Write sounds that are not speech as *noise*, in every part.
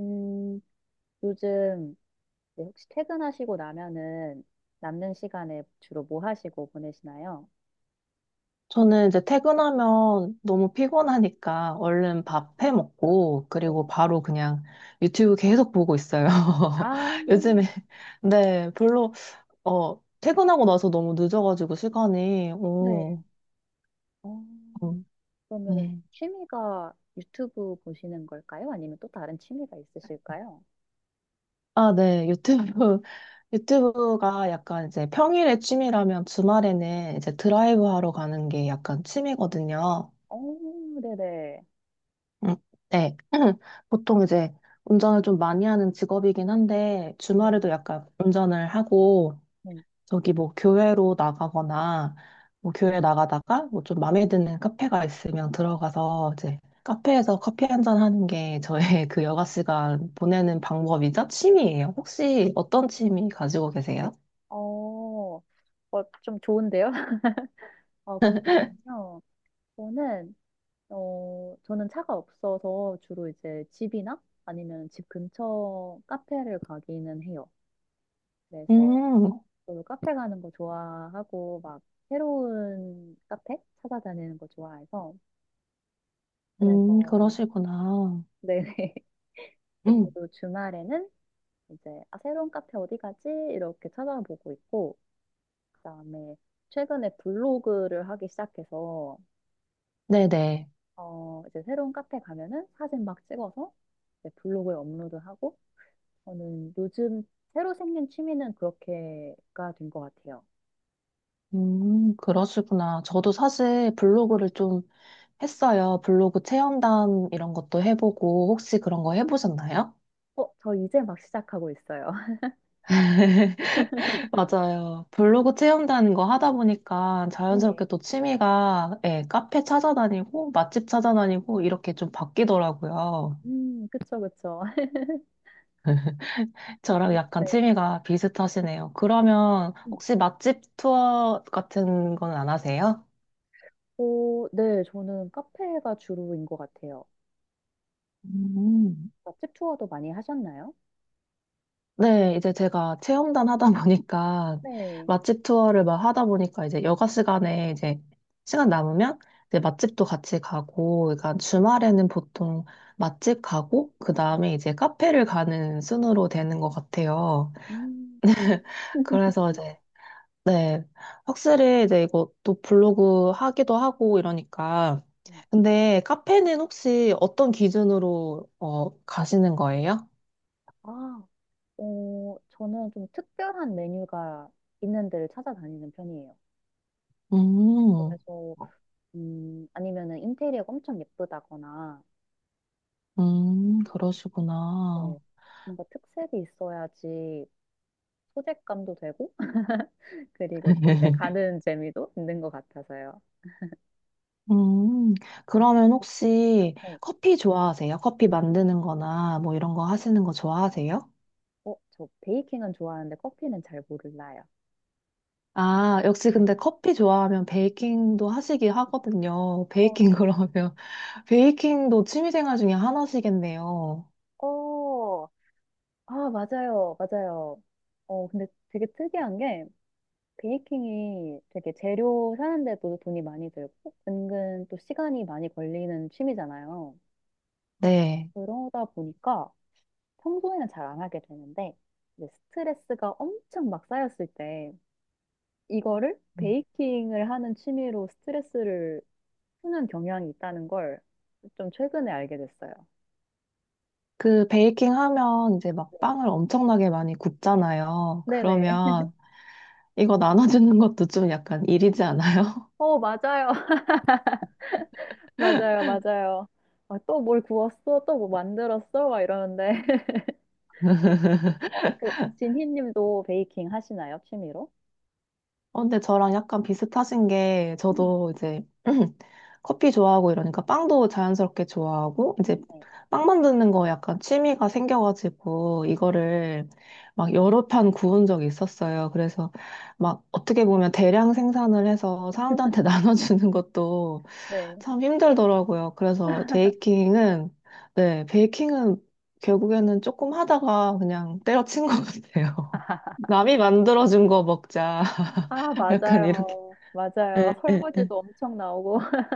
음, 요즘 이제 혹시 퇴근하시고 나면은 남는 시간에 주로 뭐 하시고 보내시나요? 저는 이제 퇴근하면 너무 피곤하니까 얼른 네. 밥 해 먹고 네. 그리고 바로 그냥 유튜브 계속 보고 있어요. *laughs* 아, 요즘에 네 별로 퇴근하고 나서 너무 늦어가지고 시간이 네. 오, 어, 음, 그러면은 음. 취미가 유튜브 보시는 걸까요? 아니면 또 다른 취미가 있으실까요? 아, 네 유튜브 *laughs* 유튜브가 약간 이제 평일에 취미라면 주말에는 이제 드라이브 하러 가는 게 약간 취미거든요. 어, 네네. 음, 네. *clears throat* 보통 이제 운전을 좀 많이 하는 직업이긴 한데, 네. 주말에도 약간 운전을 하고, 네. 저기 뭐 교회로 나가거나, 뭐 교회 나가다가 뭐 좀 마음에 드는 카페가 있으면 들어가서 이제 카페에서 커피 한 잔 하는 게 저의 *laughs* 그 여가 시간 보내는 방법이자 취미예요. 혹시 어떤 취미 가지고 계세요? 어, 좀 좋은데요? *laughs* 그러시군요. 저는 저는 차가 없어서 주로 이제 집이나 아니면 집 근처 카페를 가기는 해요. 그래서 음, 저도 카페 가는 거 좋아하고 막 새로운 카페 찾아다니는 거 좋아해서 그래서 그러시구나. 네네. *laughs* 그래서 음, 저도 주말에는 이제 아, 새로운 카페 어디 가지? 이렇게 찾아보고 있고 그다음에 최근에 블로그를 하기 시작해서 네네. 이제 새로운 카페 가면은 사진 막 찍어서 이제 블로그에 업로드하고 저는 요즘 새로 생긴 취미는 그렇게가 된 것 같아요. 그러시구나. 저도 사실 블로그를 좀 했어요. 블로그 체험단 이런 것도 해보고 혹시 그런 거 해보셨나요? 저 이제 막 시작하고 있어요. *laughs* *laughs* 맞아요. 블로그 체험단 거 하다 보니까 네. 자연스럽게 또 취미가 예, 카페 찾아다니고 맛집 찾아다니고 이렇게 좀 바뀌더라고요. 그쵸, 그쵸. *laughs* 저랑 약간 네. 취미가 비슷하시네요. 그러면 음. 혹시 맛집 투어 같은 건 안 하세요? 네, 저는 카페가 주로인 것 같아요. 음. 맛집 투어도 많이 하셨나요? 네, 이제 제가 체험단 하다 보니까 *laughs* 네. 맛집 투어를 막 하다 보니까 이제 여가 시간에 이제 시간 남으면 이제 네. 맛집도 같이 가고, 그러니까 주말에는 보통 맛집 가고, 그 다음에 이제 카페를 가는 순으로 되는 것 같아요. 음. *laughs* 그래서 이제, 네, 확실히 이제 이것도 블로그 하기도 하고 이러니까. 음. 근데 카페는 혹시 어떤 기준으로 가시는 거예요? 아, 저는 좀 특별한 메뉴가 있는 데를 찾아다니는 편이에요. 음. 그래서, 아니면은 인테리어가 엄청 예쁘다거나, 음, 그러시구나. 네. 뭔가 특색이 있어야지 소재감도 되고, *laughs* 그리고 또 이제 *laughs* 가는 재미도 있는 것 같아서요. 음, 음. 그러면 혹시 네. 커피 좋아하세요? 커피 만드는 거나 뭐 이런 거 하시는 거 좋아하세요? 저 베이킹은 좋아하는데 커피는 잘 몰라요. 아, 역시 네. 근데 커피 좋아하면 베이킹도 하시기 하거든요. 어, 베이킹 네. 그러면. *laughs* 베이킹도 취미생활 중에 하나시겠네요. 어, 아, 맞아요. 맞아요. 근데 되게 특이한 게, 베이킹이 되게 재료 사는데도 돈이 많이 들고, 은근 또 시간이 많이 걸리는 취미잖아요. 네. 그러다 보니까 평소에는 잘 안 하게 되는데, 이제 스트레스가 엄청 막 쌓였을 때, 이거를 음. 베이킹을 하는 취미로 스트레스를 푸는 경향이 있다는 걸 좀 최근에 알게 됐어요. 그 베이킹 하면 이제 네. 막 빵을 엄청나게 많이 굽잖아요. 네네. 그러면 이거 나눠주는 것도 좀 약간 일이지 않아요? 맞아요. *laughs* 맞아요. 맞아요. 아, 또뭘 구웠어? 또 뭐 만들었어? 막 이러는데. *laughs* 진희님도 베이킹 하시나요? 취미로? 근데 저랑 약간 비슷하신 게 음. 저도 이제 *clears throat* 커피 좋아하고 이러니까 빵도 자연스럽게 좋아하고 이제 네. 빵 만드는 거 약간 취미가 생겨가지고 이거를 막 여러 판 구운 적이 있었어요. 그래서 막 어떻게 보면 대량 생산을 해서 사람들한테 *laughs* 나눠주는 것도 네. 참 힘들더라고요. 그래서 베이킹은 네, 베이킹은 결국에는 조금 하다가 그냥 때려친 것 같아요. *laughs* 남이 만들어준 거 먹자. 아, 약간 이렇게. 맞아요. 예, 맞아요. *laughs* 예, 예. 설거지도 엄청 나오고. *laughs*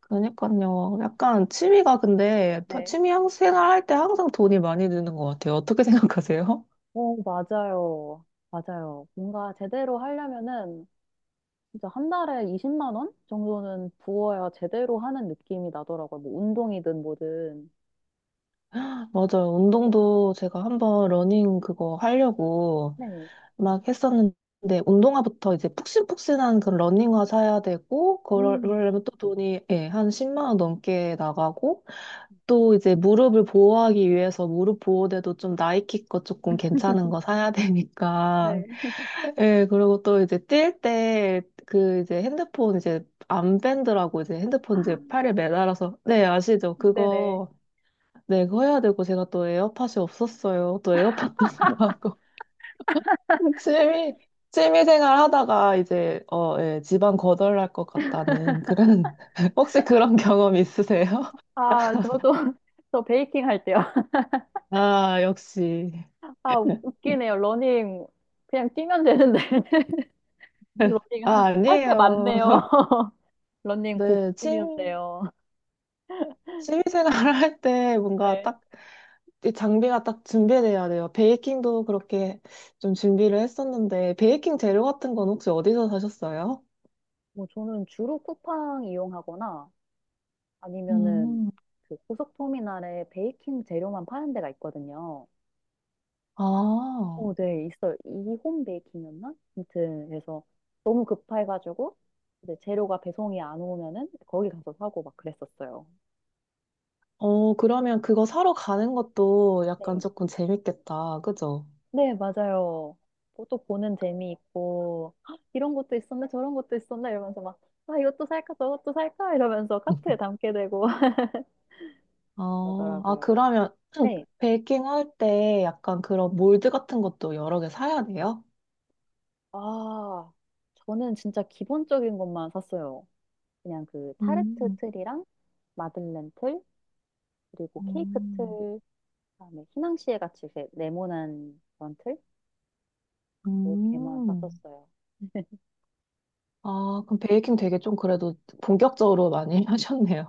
그러니까요. 약간 취미가 근데 다 네. 취미 생활할 때 항상 돈이 많이 드는 것 같아요. 어떻게 생각하세요? 오, 맞아요. 맞아요. 뭔가 제대로 하려면은 진짜 한 달에 20만 원 정도는 부어야 제대로 하는 느낌이 나더라고요. 뭐 운동이든 뭐든. *laughs* 맞아요. 운동도 제가 한번 러닝 그거 하려고 네. 막 했었는데 운동화부터 이제 푹신푹신한 그런 러닝화 사야 되고 음, 그러려면 또 돈이 예, 한 10만 원 넘게 나가고 또 이제 무릎을 보호하기 위해서 무릎 보호대도 좀 나이키 거 조금 괜찮은 거 사야 네. 되니까 예, 그리고 또 이제 뛸 때 그 이제 핸드폰 이제 암밴드라고 이제 핸드폰 이제 아, 팔에 매달아서 네, 아시죠? 네네. 그거 네, 그거 해야 되고 제가 또 에어팟이 없었어요. 또 에어팟도 *laughs* 사고 취미 취미 생활 하다가 이제 예, 집안 거덜날 것 같다는 그런 *laughs* 혹시 그런 경험 있으세요? 아, 저도 *laughs* 저 베이킹 할 때요. *laughs* 아, 역시. 아, 웃기네요. 러닝 그냥 뛰면 되는데 *laughs* *laughs* 러닝 아, 할 게 많네요. 아니에요. *laughs* *laughs* 러닝 고급 네, 이면 취미, 돼요. 취미 생활 할 때 뭔가 네. 딱 이 장비가 딱 준비돼야 돼요. 베이킹도 그렇게 좀 준비를 했었는데, 베이킹 재료 같은 건 혹시 어디서 사셨어요? 뭐 저는 주로 쿠팡 이용하거나 아니면은 음, 그 고속 터미널에 베이킹 재료만 파는 데가 있거든요. 아, 네, 있어요. 이홈 베이킹이었나? 아무튼, 그래서 너무 급해가지고, 이제 재료가 배송이 안 오면은 거기 가서 사고 막 그랬었어요. 그러면 그거 사러 가는 것도 약간 네. 조금 재밌겠다. 그죠? 네, 맞아요. 뭐또 보는 재미 있고, "헉, 이런 것도 있었네, 저런 것도 있었네, 이러면서 막, 아, 이것도 살까, 저것도 살까, 이러면서 카트에 *laughs* 담게 되고 *laughs* 아, 그러더라고요. 그러면 네. *clears throat* 베이킹 할 때 약간 그런 몰드 같은 것도 여러 개 사야 돼요? 아, 저는 진짜 기본적인 것만 샀어요. 그냥 그 타르트 음, 틀이랑 마들렌 틀, 그리고 케이크 틀, 음, 다음에 희낭시에 같이 이렇게 네모난 그런 틀? 렇 개만 음. 샀었어요. 아, 그럼 베이킹 되게 좀 그래도 본격적으로 많이 *laughs* 하셨네요.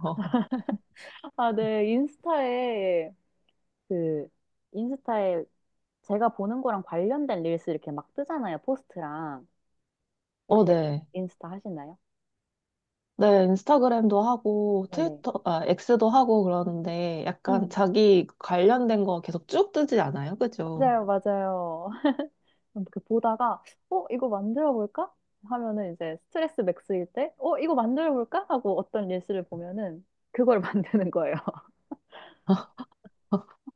아, 네. 인스타에 그 인스타에 제가 보는 거랑 관련된 릴스 이렇게 막 뜨잖아요. 포스트랑. 어, 혹시 네. 인스타 하시나요? 네, 인스타그램도 하고, 네네. 트위터, 아, X도 하고 그러는데, 약간 음, 자기 관련된 거 계속 쭉 뜨지 않아요? 그죠? 맞아요, 맞아요. *laughs* 그 보다가, 이거 만들어볼까? 하면은 이제 스트레스 맥스일 때, 이거 만들어볼까? 하고 어떤 릴스를 보면은 그걸 *laughs* 만드는 거예요.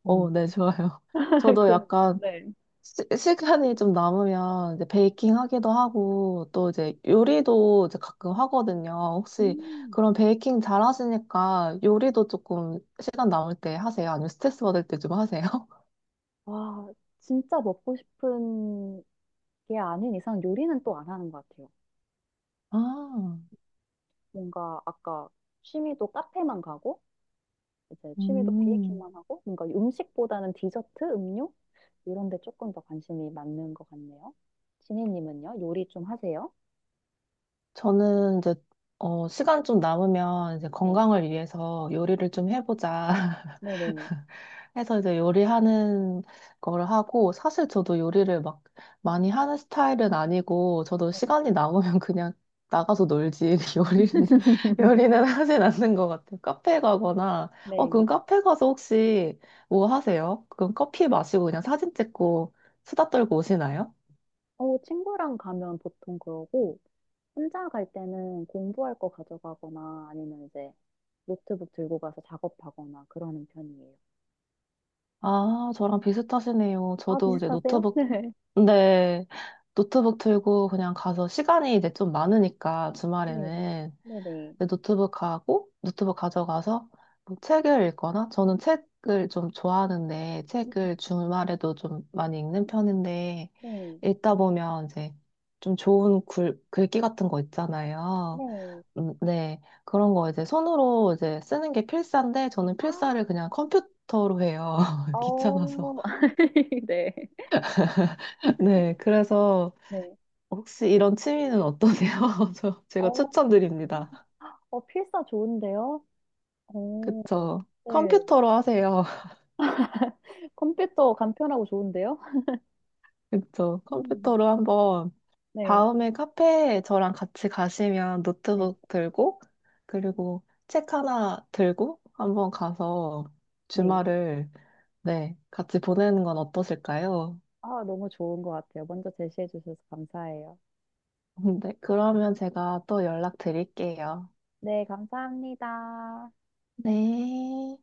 어, 음. 네, 좋아요. *laughs* *laughs* 저도 그, 약간 네. 시간이 좀 남으면 이제 베이킹 하기도 하고, 또 이제 요리도 이제 가끔 하거든요. 혹시 음. 그런 베이킹 잘 하시니까 요리도 조금 시간 남을 때 하세요? 아니면 스트레스 받을 때 좀 하세요? 와, 진짜 먹고 싶은 게 아닌 이상 요리는 또 안 하는 것 같아요. *laughs* 아, 뭔가 아까 취미도 카페만 가고, 이제 취미도 음. 베이킹만 하고, 뭔가 음식보다는 디저트, 음료? 이런 데 조금 더 관심이 많는 것 같네요. 지니님은요? 요리 좀 하세요? 저는 이제 시간 좀 남으면 이제 네. 건강을 위해서 요리를 좀 해보자 네네. *laughs* 해서 이제 요리하는 거를 하고 사실 저도 요리를 막 많이 하는 스타일은 아니고 저도 시간이 남으면 그냥 나가서 놀지 *laughs* 요리는 하진 않는 것 같아요. 카페 가거나 그럼 네. 카페 가서 혹시 뭐 하세요? 그럼 커피 마시고 그냥 사진 찍고 수다 떨고 오시나요? 친구랑 가면 보통 그러고, 혼자 갈 때는 공부할 거 가져가거나 아니면 이제 노트북 들고 가서 작업하거나 그러는 편이에요. 아, 저랑 비슷하시네요. 아, 저도 이제 비슷하세요? *laughs* 노트북, 네. 네, 노트북 들고 그냥 가서 시간이 이제 좀 많으니까 네, 주말에는 네네. 이제 노트북 가고, 노트북 가져가서 뭐 책을 읽거나, 저는 책을 좀 좋아하는데, 책을 주말에도 좀 많이 읽는 편인데, 네, 읽다 보면 이제 좀 좋은 글귀 같은 거 있잖아요. 네. 네. 그런 거 이제 손으로 이제 쓰는 게 필사인데 저는 아, 필사를 그냥 컴퓨터로 해요. *laughs* 귀찮아서. 어, *laughs* 네. *laughs* 네. 그래서 네. 혹시 이런 취미는 어떠세요? *laughs* 제가 어, 추천드립니다. 필사 좋은데요? 어, 그쵸. 네. 컴퓨터로 하세요. *laughs* 컴퓨터 간편하고 좋은데요? 그쵸. 음. 컴퓨터로 한번 네, 다음에 카페에 저랑 같이 가시면 네, 노트북 들고 그리고 책 하나 들고 한번 가서 네. 주말을 네, 같이 보내는 건 어떠실까요? 아, 너무 좋은 것 같아요. 먼저 제시해 주셔서 감사해요. 네, 그러면 제가 또 연락드릴게요. 네, 감사합니다. 네.